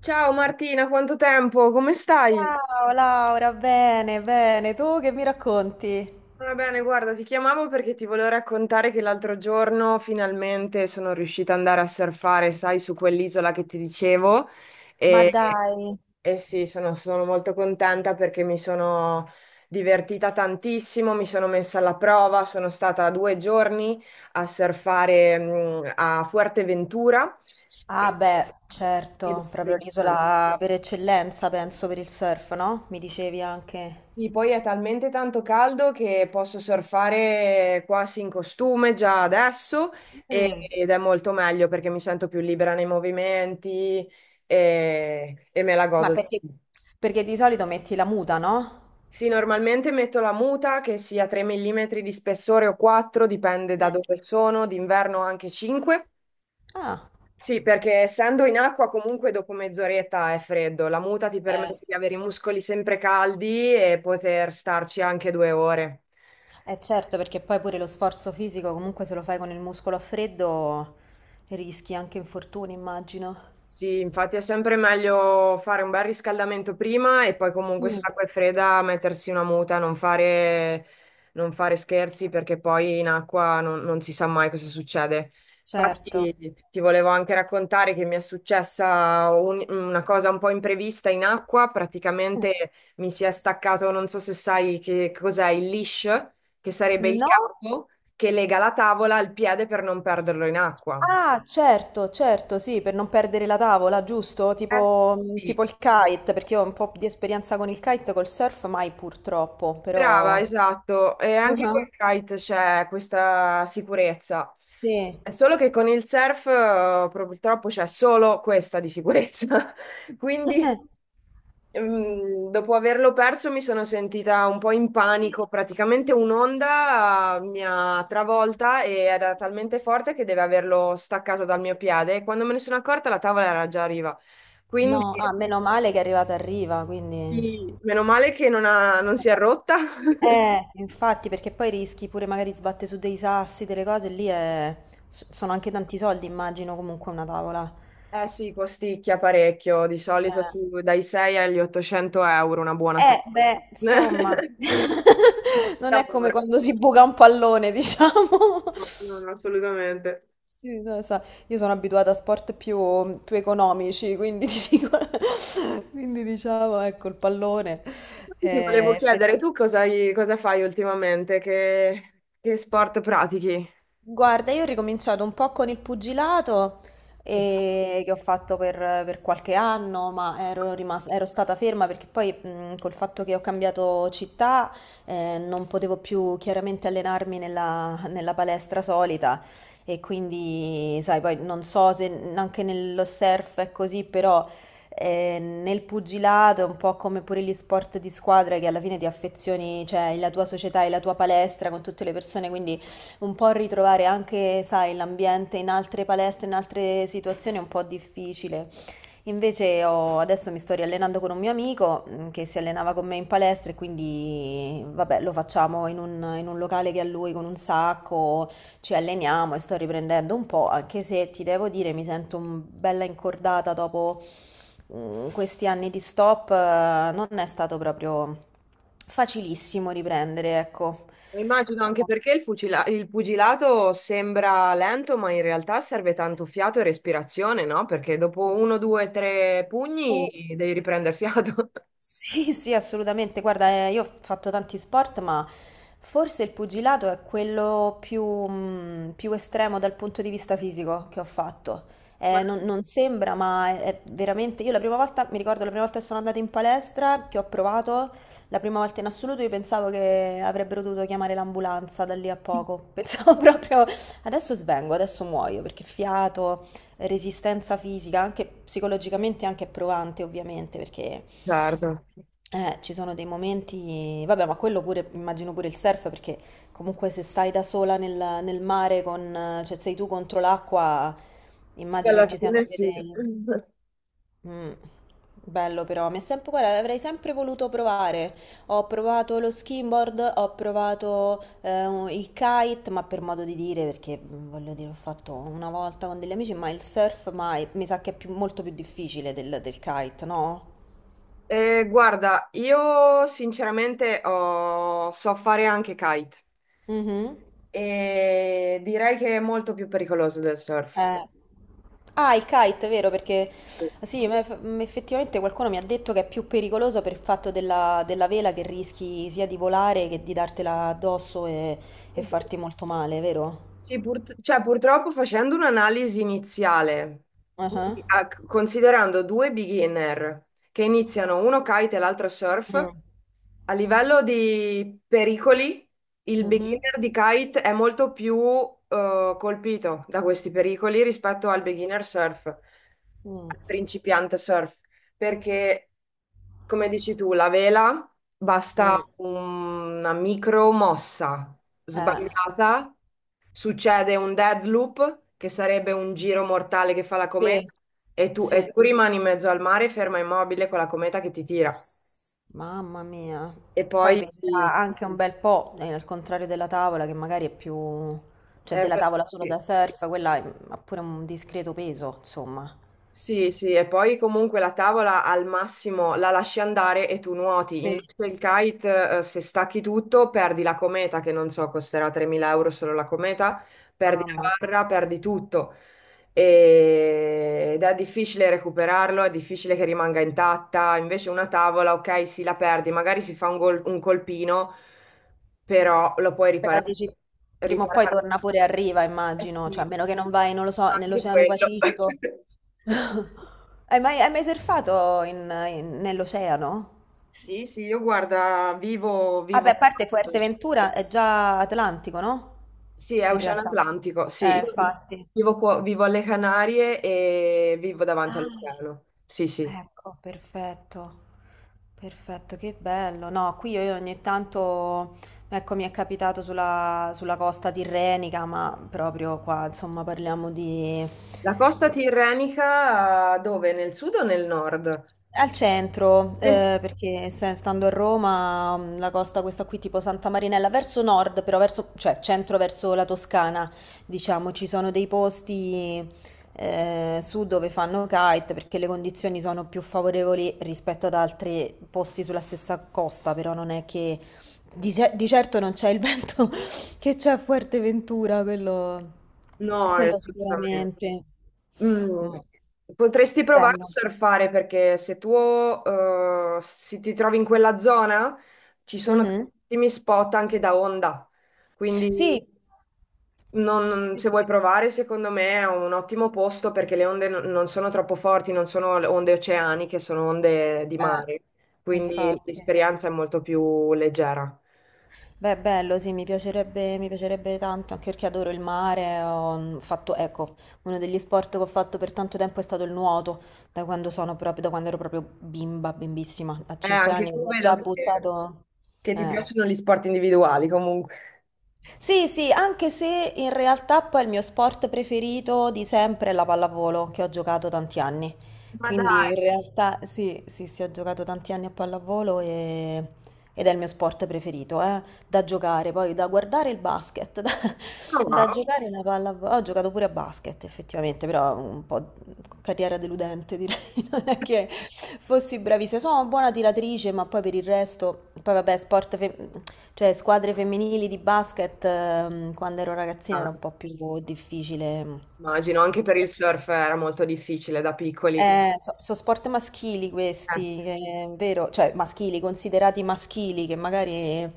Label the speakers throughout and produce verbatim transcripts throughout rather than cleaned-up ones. Speaker 1: Ciao Martina, quanto tempo? Come stai?
Speaker 2: Ciao Laura, bene, bene, tu che mi racconti?
Speaker 1: Va bene, guarda, ti chiamavo perché ti volevo raccontare che l'altro giorno finalmente sono riuscita ad andare a surfare, sai, su quell'isola che ti dicevo.
Speaker 2: Ma
Speaker 1: E,
Speaker 2: dai.
Speaker 1: e sì, sono, sono molto contenta perché mi sono divertita tantissimo, mi sono messa alla prova, sono stata due giorni a surfare, mm, a Fuerteventura.
Speaker 2: Ah
Speaker 1: e-
Speaker 2: beh,
Speaker 1: Ed è
Speaker 2: certo, proprio
Speaker 1: impressionante.
Speaker 2: l'isola per eccellenza, penso, per il surf, no? Mi dicevi anche.
Speaker 1: Sì, poi è talmente tanto caldo che posso surfare quasi in costume già adesso e-
Speaker 2: Mm.
Speaker 1: ed è molto meglio perché mi sento più libera nei movimenti e, e me la
Speaker 2: Ma
Speaker 1: godo.
Speaker 2: perché, perché di solito metti la muta, no?
Speaker 1: Sì, normalmente metto la muta che sia tre millimetri di spessore o quattro, dipende da
Speaker 2: Mm.
Speaker 1: dove sono, d'inverno anche cinque.
Speaker 2: Ah,
Speaker 1: Sì, perché essendo in acqua comunque dopo mezz'oretta è freddo. La muta ti permette
Speaker 2: eh,
Speaker 1: di avere i muscoli sempre caldi e poter starci anche due ore.
Speaker 2: eh, certo, perché poi pure lo sforzo fisico, comunque se lo fai con il muscolo a freddo, rischi anche infortuni, immagino.
Speaker 1: Sì, infatti è sempre meglio fare un bel riscaldamento prima e poi comunque se
Speaker 2: Mm.
Speaker 1: l'acqua è fredda mettersi una muta, non fare, non fare scherzi perché poi in acqua non, non si sa mai cosa succede. Infatti
Speaker 2: Certo.
Speaker 1: ti volevo anche raccontare che mi è successa un- una cosa un po' imprevista in acqua,
Speaker 2: Mm.
Speaker 1: praticamente mi si è staccato, non so se sai che cos'è il leash, che sarebbe il
Speaker 2: No.
Speaker 1: capo che lega la tavola al piede per non perderlo in acqua.
Speaker 2: Ah, certo, certo, sì, per non perdere la tavola, giusto?
Speaker 1: Eh,
Speaker 2: Tipo, mm,
Speaker 1: sì.
Speaker 2: tipo il kite, perché io ho un po' di esperienza con il kite, col surf mai purtroppo,
Speaker 1: Brava,
Speaker 2: però...
Speaker 1: esatto. E anche col
Speaker 2: Ah,
Speaker 1: kite c'è questa sicurezza.
Speaker 2: sì.
Speaker 1: È solo che con il surf eh, purtroppo c'è solo questa di sicurezza. Quindi, mm, dopo averlo perso, mi sono sentita un po' in panico. Praticamente un'onda eh, mi ha travolta e era talmente forte che deve averlo staccato dal mio piede. E quando me ne sono accorta, la tavola era già a riva. Quindi,
Speaker 2: No, ah, meno male che è arrivata a riva, quindi...
Speaker 1: sì, meno male che non ha- non si è rotta.
Speaker 2: Eh, infatti, perché poi rischi pure magari sbatte su dei sassi, delle cose, lì è... s- sono anche tanti soldi, immagino, comunque una tavola.
Speaker 1: Eh sì, costicchia parecchio, di solito su- dai sei agli ottocento euro una buona
Speaker 2: Eh,
Speaker 1: tavola.
Speaker 2: beh, insomma, non è come
Speaker 1: Lavoro.
Speaker 2: quando si buca un pallone, diciamo.
Speaker 1: No, no, no, assolutamente.
Speaker 2: Sì, no, sa, io sono abituata a sport più, più economici, quindi, ti dico- quindi diciamo, ecco, il pallone.
Speaker 1: Infatti ti volevo
Speaker 2: Eh,
Speaker 1: chiedere,
Speaker 2: effetti-
Speaker 1: tu cosa, hai- cosa fai ultimamente? Che, che sport pratichi?
Speaker 2: Guarda, io ho ricominciato un po' con il pugilato
Speaker 1: Che-
Speaker 2: eh, che ho fatto per, per qualche anno, ma ero, rimas- ero stata ferma perché poi mh, col fatto che ho cambiato città eh, non potevo più chiaramente allenarmi nella, nella palestra solita e quindi, sai, poi non so se n- anche nello surf è così, però eh, nel pugilato è un po' come pure gli sport di squadra che alla fine ti affezioni, cioè la tua società e la tua palestra con tutte le persone, quindi... Un po' ritrovare anche, sai, l'ambiente in altre palestre, in altre situazioni è un po' difficile. Invece ho- adesso mi sto riallenando con un mio amico mm, che si allenava con me in palestra e quindi, vabbè, lo facciamo in un, in un locale che ha lui con un sacco, ci alleniamo e sto riprendendo un po', anche se ti devo dire mi sento un- bella incordata dopo mm, questi anni di stop, eh, non è stato proprio facilissimo riprendere, ecco.
Speaker 1: Immagino anche
Speaker 2: Però-
Speaker 1: perché il fucila- il pugilato sembra lento, ma in realtà serve tanto fiato e respirazione, no? Perché dopo uno, due, tre pugni devi riprendere fiato.
Speaker 2: Sì, sì, assolutamente. Guarda, eh, io ho fatto tanti sport, ma forse il pugilato è quello più, mh, più estremo dal punto di vista fisico che ho fatto.
Speaker 1: Ma
Speaker 2: Eh, non,
Speaker 1: no.
Speaker 2: non sembra, ma è, è veramente... Io la prima volta, mi ricordo la prima volta che sono andata in palestra, che ho provato, la prima volta in assoluto, io pensavo che avrebbero dovuto chiamare l'ambulanza da lì a poco. Pensavo proprio, adesso svengo, adesso muoio, perché fiato resistenza fisica, anche psicologicamente anche provante ovviamente, perché
Speaker 1: Certo.
Speaker 2: eh, ci sono dei momenti, vabbè, ma quello pure, immagino pure il surf, perché comunque se stai da sola nel, nel mare, con, cioè sei tu contro l'acqua,
Speaker 1: Sì,
Speaker 2: immagino che
Speaker 1: alla
Speaker 2: ci siano
Speaker 1: fine
Speaker 2: pure
Speaker 1: sì.
Speaker 2: dei... Mm. Bello però, mi è sempre, guarda, avrei sempre voluto provare. Ho provato lo skimboard, ho provato eh, un- il kite, ma per modo di dire, perché mm, voglio dire, ho fatto una volta con degli amici, ma il surf mai, mi sa che è più- molto più difficile del, del kite, no?
Speaker 1: Eh, guarda, io sinceramente ho- so fare anche kite
Speaker 2: Mhm.
Speaker 1: e direi che è molto più pericoloso del surf.
Speaker 2: Eh. Ah, il kite, vero? Perché sì, ma eff- mm, effettivamente qualcuno mi ha detto che è più pericoloso per il fatto della, della vela che rischi sia di volare che di dartela addosso e,
Speaker 1: Sì.
Speaker 2: e farti molto male, vero?
Speaker 1: Sì, pur- cioè, purtroppo facendo un'analisi iniziale,
Speaker 2: Ah, ah.
Speaker 1: quindi, ah, c- considerando due beginner che iniziano uno kite e l'altro surf,
Speaker 2: Mm.
Speaker 1: a livello di pericoli, il
Speaker 2: Mhm,
Speaker 1: beginner di kite è molto più eh, colpito da questi pericoli rispetto al beginner surf, al
Speaker 2: mm.
Speaker 1: principiante surf perché, come dici tu, la vela basta
Speaker 2: Mm.
Speaker 1: una micro mossa
Speaker 2: Eh,
Speaker 1: sbagliata, succede un dead loop, che sarebbe un giro mortale che fa la cometa,
Speaker 2: sì,
Speaker 1: e tu,
Speaker 2: sì.
Speaker 1: e tu rimani in mezzo al mare ferma immobile con la cometa che ti tira.
Speaker 2: Mamma mia.
Speaker 1: E
Speaker 2: Poi
Speaker 1: poi...
Speaker 2: peserà anche un bel po', eh, al contrario della tavola, che magari è più... cioè
Speaker 1: eh,
Speaker 2: della tavola solo da
Speaker 1: sì.
Speaker 2: surf, quella è- ha pure un discreto peso, insomma.
Speaker 1: Sì, sì, e poi comunque la tavola al massimo la lasci andare e tu nuoti.
Speaker 2: Sì.
Speaker 1: Invece il kite, eh, se stacchi tutto, perdi la cometa, che non so, costerà tremila euro solo la cometa, perdi la
Speaker 2: Mamma.
Speaker 1: barra, perdi tutto. E- Ed è difficile recuperarlo, è difficile che rimanga intatta. Invece una tavola, ok, sì, la perdi, magari si fa un, gol- un colpino, però lo puoi
Speaker 2: Però
Speaker 1: riparare.
Speaker 2: dici, prima o poi
Speaker 1: Riparare,
Speaker 2: torna pure a riva,
Speaker 1: eh
Speaker 2: immagino, cioè a
Speaker 1: sì,
Speaker 2: meno che non vai, non lo so,
Speaker 1: anche
Speaker 2: nell'Oceano
Speaker 1: quello.
Speaker 2: Pacifico. Hai mai, hai mai surfato in- in- nell'oceano?
Speaker 1: Sì, sì, io guarda, vivo,
Speaker 2: Vabbè,
Speaker 1: vivo...
Speaker 2: a parte Fuerteventura è già Atlantico, no?
Speaker 1: Sì, è
Speaker 2: In
Speaker 1: Oceano
Speaker 2: realtà.
Speaker 1: Atlantico, sì,
Speaker 2: Eh,
Speaker 1: io vi-
Speaker 2: infatti.
Speaker 1: vivo, qua- vivo alle Canarie e vivo davanti
Speaker 2: Ah.
Speaker 1: all'oceano. Sì, sì.
Speaker 2: Ecco, perfetto. Perfetto, che bello. No, qui io ogni tanto, ecco, mi è capitato sulla, sulla costa tirrenica, ma proprio qua, insomma, parliamo di...
Speaker 1: La costa tirrenica eh, dove? Nel sud o nel nord?
Speaker 2: Al centro,
Speaker 1: Nel-
Speaker 2: eh, perché se- stando a Roma, mh, la costa questa qui tipo Santa Marinella, verso nord, però verso, cioè centro verso la Toscana, diciamo, ci sono dei posti eh, su dove fanno kite perché le condizioni sono più favorevoli rispetto ad altri posti sulla stessa costa, però non è che di, ce- di certo non c'è il vento che c'è a Fuerteventura, quello,
Speaker 1: No,
Speaker 2: quello
Speaker 1: assolutamente.
Speaker 2: sicuramente.
Speaker 1: Mm,
Speaker 2: Mm.
Speaker 1: Potresti provare a
Speaker 2: Bello.
Speaker 1: surfare perché se tu eh, si- ti trovi in quella zona ci sono
Speaker 2: Mhm.
Speaker 1: tantissimi spot anche da onda, quindi
Speaker 2: Sì.
Speaker 1: Non- non-
Speaker 2: Sì,
Speaker 1: se vuoi
Speaker 2: sì.
Speaker 1: provare, secondo me è un ottimo posto perché le onde non non sono troppo forti, non sono le onde oceaniche, sono onde di
Speaker 2: Eh,
Speaker 1: mare, quindi
Speaker 2: infatti.
Speaker 1: l'esperienza è molto più leggera.
Speaker 2: Beh, bello, sì, mi piacerebbe, mi piacerebbe tanto, anche perché adoro il mare. Ho mm, fatto, ecco, uno degli sport che ho fatto per tanto tempo è stato il nuoto, da quando sono proprio, da quando ero proprio bimba, bimbissima. A
Speaker 1: Eh,
Speaker 2: cinque
Speaker 1: anche
Speaker 2: anni mi
Speaker 1: tu
Speaker 2: ho
Speaker 1: vedo
Speaker 2: già
Speaker 1: che,
Speaker 2: buttato.
Speaker 1: che ti
Speaker 2: Eh.
Speaker 1: piacciono gli sport individuali comunque.
Speaker 2: Sì, sì, anche se in realtà poi il mio sport preferito di sempre è la pallavolo, che ho giocato tanti anni.
Speaker 1: Ma dai,
Speaker 2: Quindi in realtà sì, sì, sì, ho giocato tanti anni a pallavolo e- ed è il mio sport preferito, eh, da giocare, poi da guardare il basket, da,
Speaker 1: no,
Speaker 2: da giocare la pallavolo. Ho giocato pure a basket effettivamente, però un po' carriera deludente direi, non è che fossi bravissima. Sono una buona tiratrice, ma poi per il resto, poi vabbè, sport femminile. Cioè, squadre femminili di basket, ehm, quando ero ragazzina
Speaker 1: no,
Speaker 2: era un po' più difficile.
Speaker 1: immagino, anche per il surf era molto difficile da piccoli.
Speaker 2: Eh, so, so sport maschili
Speaker 1: Eh,
Speaker 2: questi, che è vero, cioè maschili, considerati maschili, che magari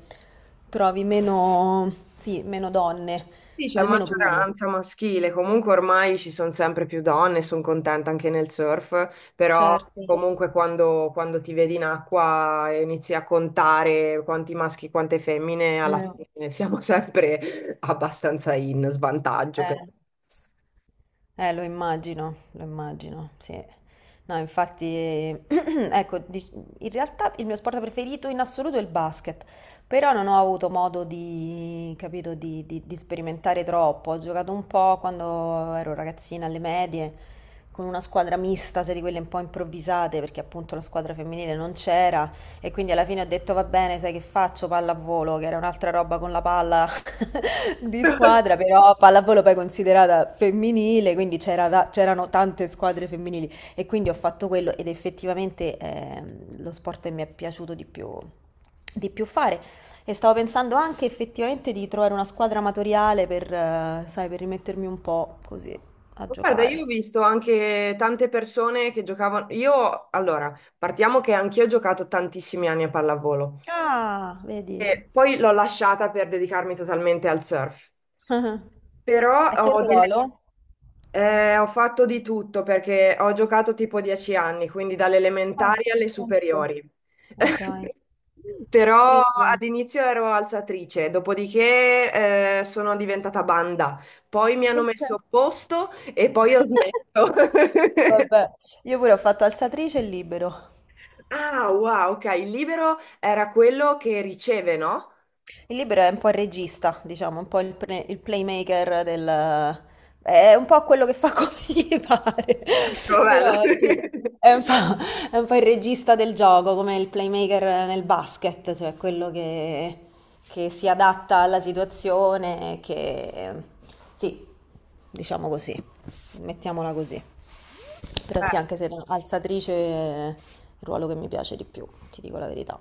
Speaker 2: trovi meno, sì, meno donne,
Speaker 1: Sì, c'è
Speaker 2: almeno prima.
Speaker 1: maggioranza maschile, comunque ormai ci sono sempre più donne, sono contenta anche nel surf, però
Speaker 2: Certo.
Speaker 1: comunque quando, quando ti vedi in acqua e inizi a contare quanti maschi e quante femmine, alla
Speaker 2: Mm.
Speaker 1: fine siamo sempre abbastanza in svantaggio. per-
Speaker 2: Eh. Eh, lo immagino, lo immagino, sì. No, infatti. Ecco, di- in realtà il mio sport preferito in assoluto è il basket, però non ho avuto modo di, capito, di, di- di sperimentare troppo. Ho giocato un po' quando ero ragazzina alle medie, con una squadra mista, se di quelle un po' improvvisate, perché appunto la squadra femminile non c'era. E quindi alla fine ho detto va bene, sai che faccio? Pallavolo, che era un'altra roba con la palla di squadra, però pallavolo poi considerata femminile, quindi c'era ta- c'erano tante squadre femminili e quindi ho fatto quello ed effettivamente ehm, lo sport che mi è piaciuto di più, di più fare. E stavo pensando anche effettivamente di trovare una squadra amatoriale per, eh, sai, per rimettermi un po' così a
Speaker 1: Guarda, io ho
Speaker 2: giocare.
Speaker 1: visto anche tante persone che giocavano. Io, allora, partiamo che anch'io ho giocato tantissimi anni a pallavolo
Speaker 2: Ah, vedi.
Speaker 1: e poi l'ho lasciata per dedicarmi totalmente al surf. Però
Speaker 2: A che
Speaker 1: ho delle
Speaker 2: ruolo?
Speaker 1: Eh, ho fatto di tutto perché ho giocato tipo dieci anni, quindi dalle
Speaker 2: Ah,
Speaker 1: elementari alle
Speaker 2: senti.
Speaker 1: superiori.
Speaker 2: Ma dai,
Speaker 1: Però
Speaker 2: pure io.
Speaker 1: all'inizio ero alzatrice, dopodiché eh, sono diventata banda, poi mi hanno
Speaker 2: Perché?
Speaker 1: messo a posto e poi ho smesso.
Speaker 2: Vabbè, io pure ho fatto alzatrice e libero.
Speaker 1: Ah, wow, ok, il libero era quello che riceve, no?
Speaker 2: Il libero è un po' il regista, diciamo, un po' il, pre- il playmaker del... È un po' quello che fa come gli pare,
Speaker 1: Ecco, bello.
Speaker 2: però sì,
Speaker 1: Eh,
Speaker 2: è un po', è un po' il regista del gioco, come il playmaker nel basket, cioè quello che, che si adatta alla situazione, che... Sì, diciamo così, mettiamola così. Però sì, anche se alzatrice è il ruolo che mi piace di più, ti dico la verità.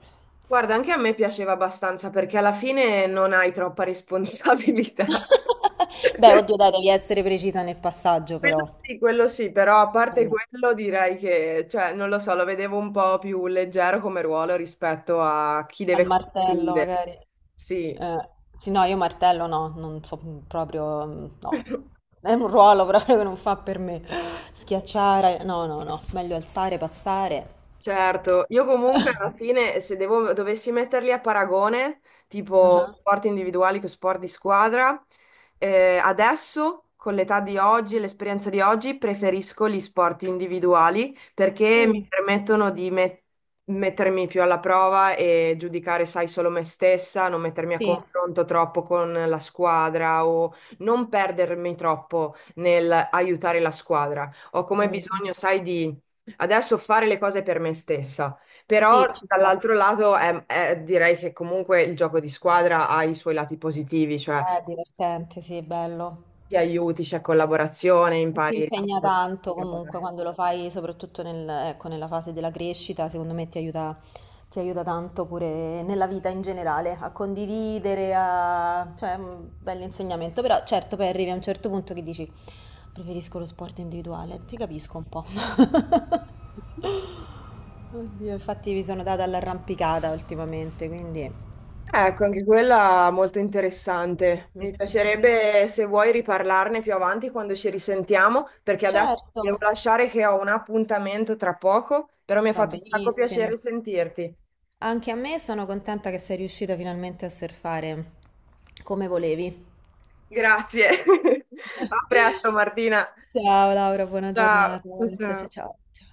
Speaker 1: Guarda, anche a me piaceva abbastanza perché alla fine non hai troppa responsabilità.
Speaker 2: Beh, oddio, dai, devi essere precisa nel passaggio,
Speaker 1: Quello
Speaker 2: però.
Speaker 1: sì, quello sì, però a parte
Speaker 2: Mm.
Speaker 1: quello direi che, cioè, non lo so, lo vedevo un po' più leggero come ruolo rispetto a chi
Speaker 2: Al
Speaker 1: deve
Speaker 2: martello,
Speaker 1: concludere.
Speaker 2: magari.
Speaker 1: Sì.
Speaker 2: Eh, sì, no, io martello no, non so proprio, mm, no. È un ruolo proprio che non fa per me. Schiacciare, no, no, no. Meglio alzare, passare.
Speaker 1: Certo, io comunque alla fine se devo- dovessi metterli a paragone, tipo
Speaker 2: Ah,
Speaker 1: sport individuali che sport di squadra, eh, adesso con l'età di oggi e l'esperienza di oggi preferisco gli sport individuali perché
Speaker 2: mm,
Speaker 1: mi permettono di met- mettermi più alla prova e giudicare, sai, solo me stessa, non mettermi a
Speaker 2: sì.
Speaker 1: confronto troppo con la squadra o non perdermi troppo nel aiutare la squadra. Ho come
Speaker 2: Mm, mm.
Speaker 1: bisogno, sai, di adesso fare le cose per me stessa, però
Speaker 2: Sì, ci sta.
Speaker 1: dall'altro lato è- è- direi che comunque il gioco di squadra ha i suoi lati positivi, cioè
Speaker 2: È divertente, sì, è bello.
Speaker 1: ti aiuti, c'è collaborazione,
Speaker 2: E ti
Speaker 1: impari.
Speaker 2: insegna
Speaker 1: La
Speaker 2: tanto comunque
Speaker 1: collaborazione.
Speaker 2: quando lo fai, soprattutto nel- ecco, nella fase della crescita, secondo me ti aiuta, ti aiuta tanto pure nella vita in generale, a condividere, a... cioè un bell'insegnamento, però certo poi arrivi a un certo punto che dici preferisco lo sport individuale, ti capisco un po'. Oddio, infatti mi sono data all'arrampicata ultimamente, quindi...
Speaker 1: Ecco, anche quella molto interessante.
Speaker 2: Sì,
Speaker 1: Mi
Speaker 2: sì, poi-
Speaker 1: piacerebbe se vuoi riparlarne più avanti quando ci risentiamo, perché adesso
Speaker 2: certo,
Speaker 1: ti devo lasciare che ho un appuntamento tra poco, però mi ha
Speaker 2: va
Speaker 1: fatto un sacco
Speaker 2: benissimo.
Speaker 1: piacere sentirti.
Speaker 2: Anche a me sono contenta che sei riuscita finalmente a surfare come volevi.
Speaker 1: Grazie. A presto, Martina.
Speaker 2: Ciao Laura, buona
Speaker 1: Ciao.
Speaker 2: giornata.
Speaker 1: Ciao.
Speaker 2: Ciao, ciao,
Speaker 1: Ciao.
Speaker 2: ciao. Ciao.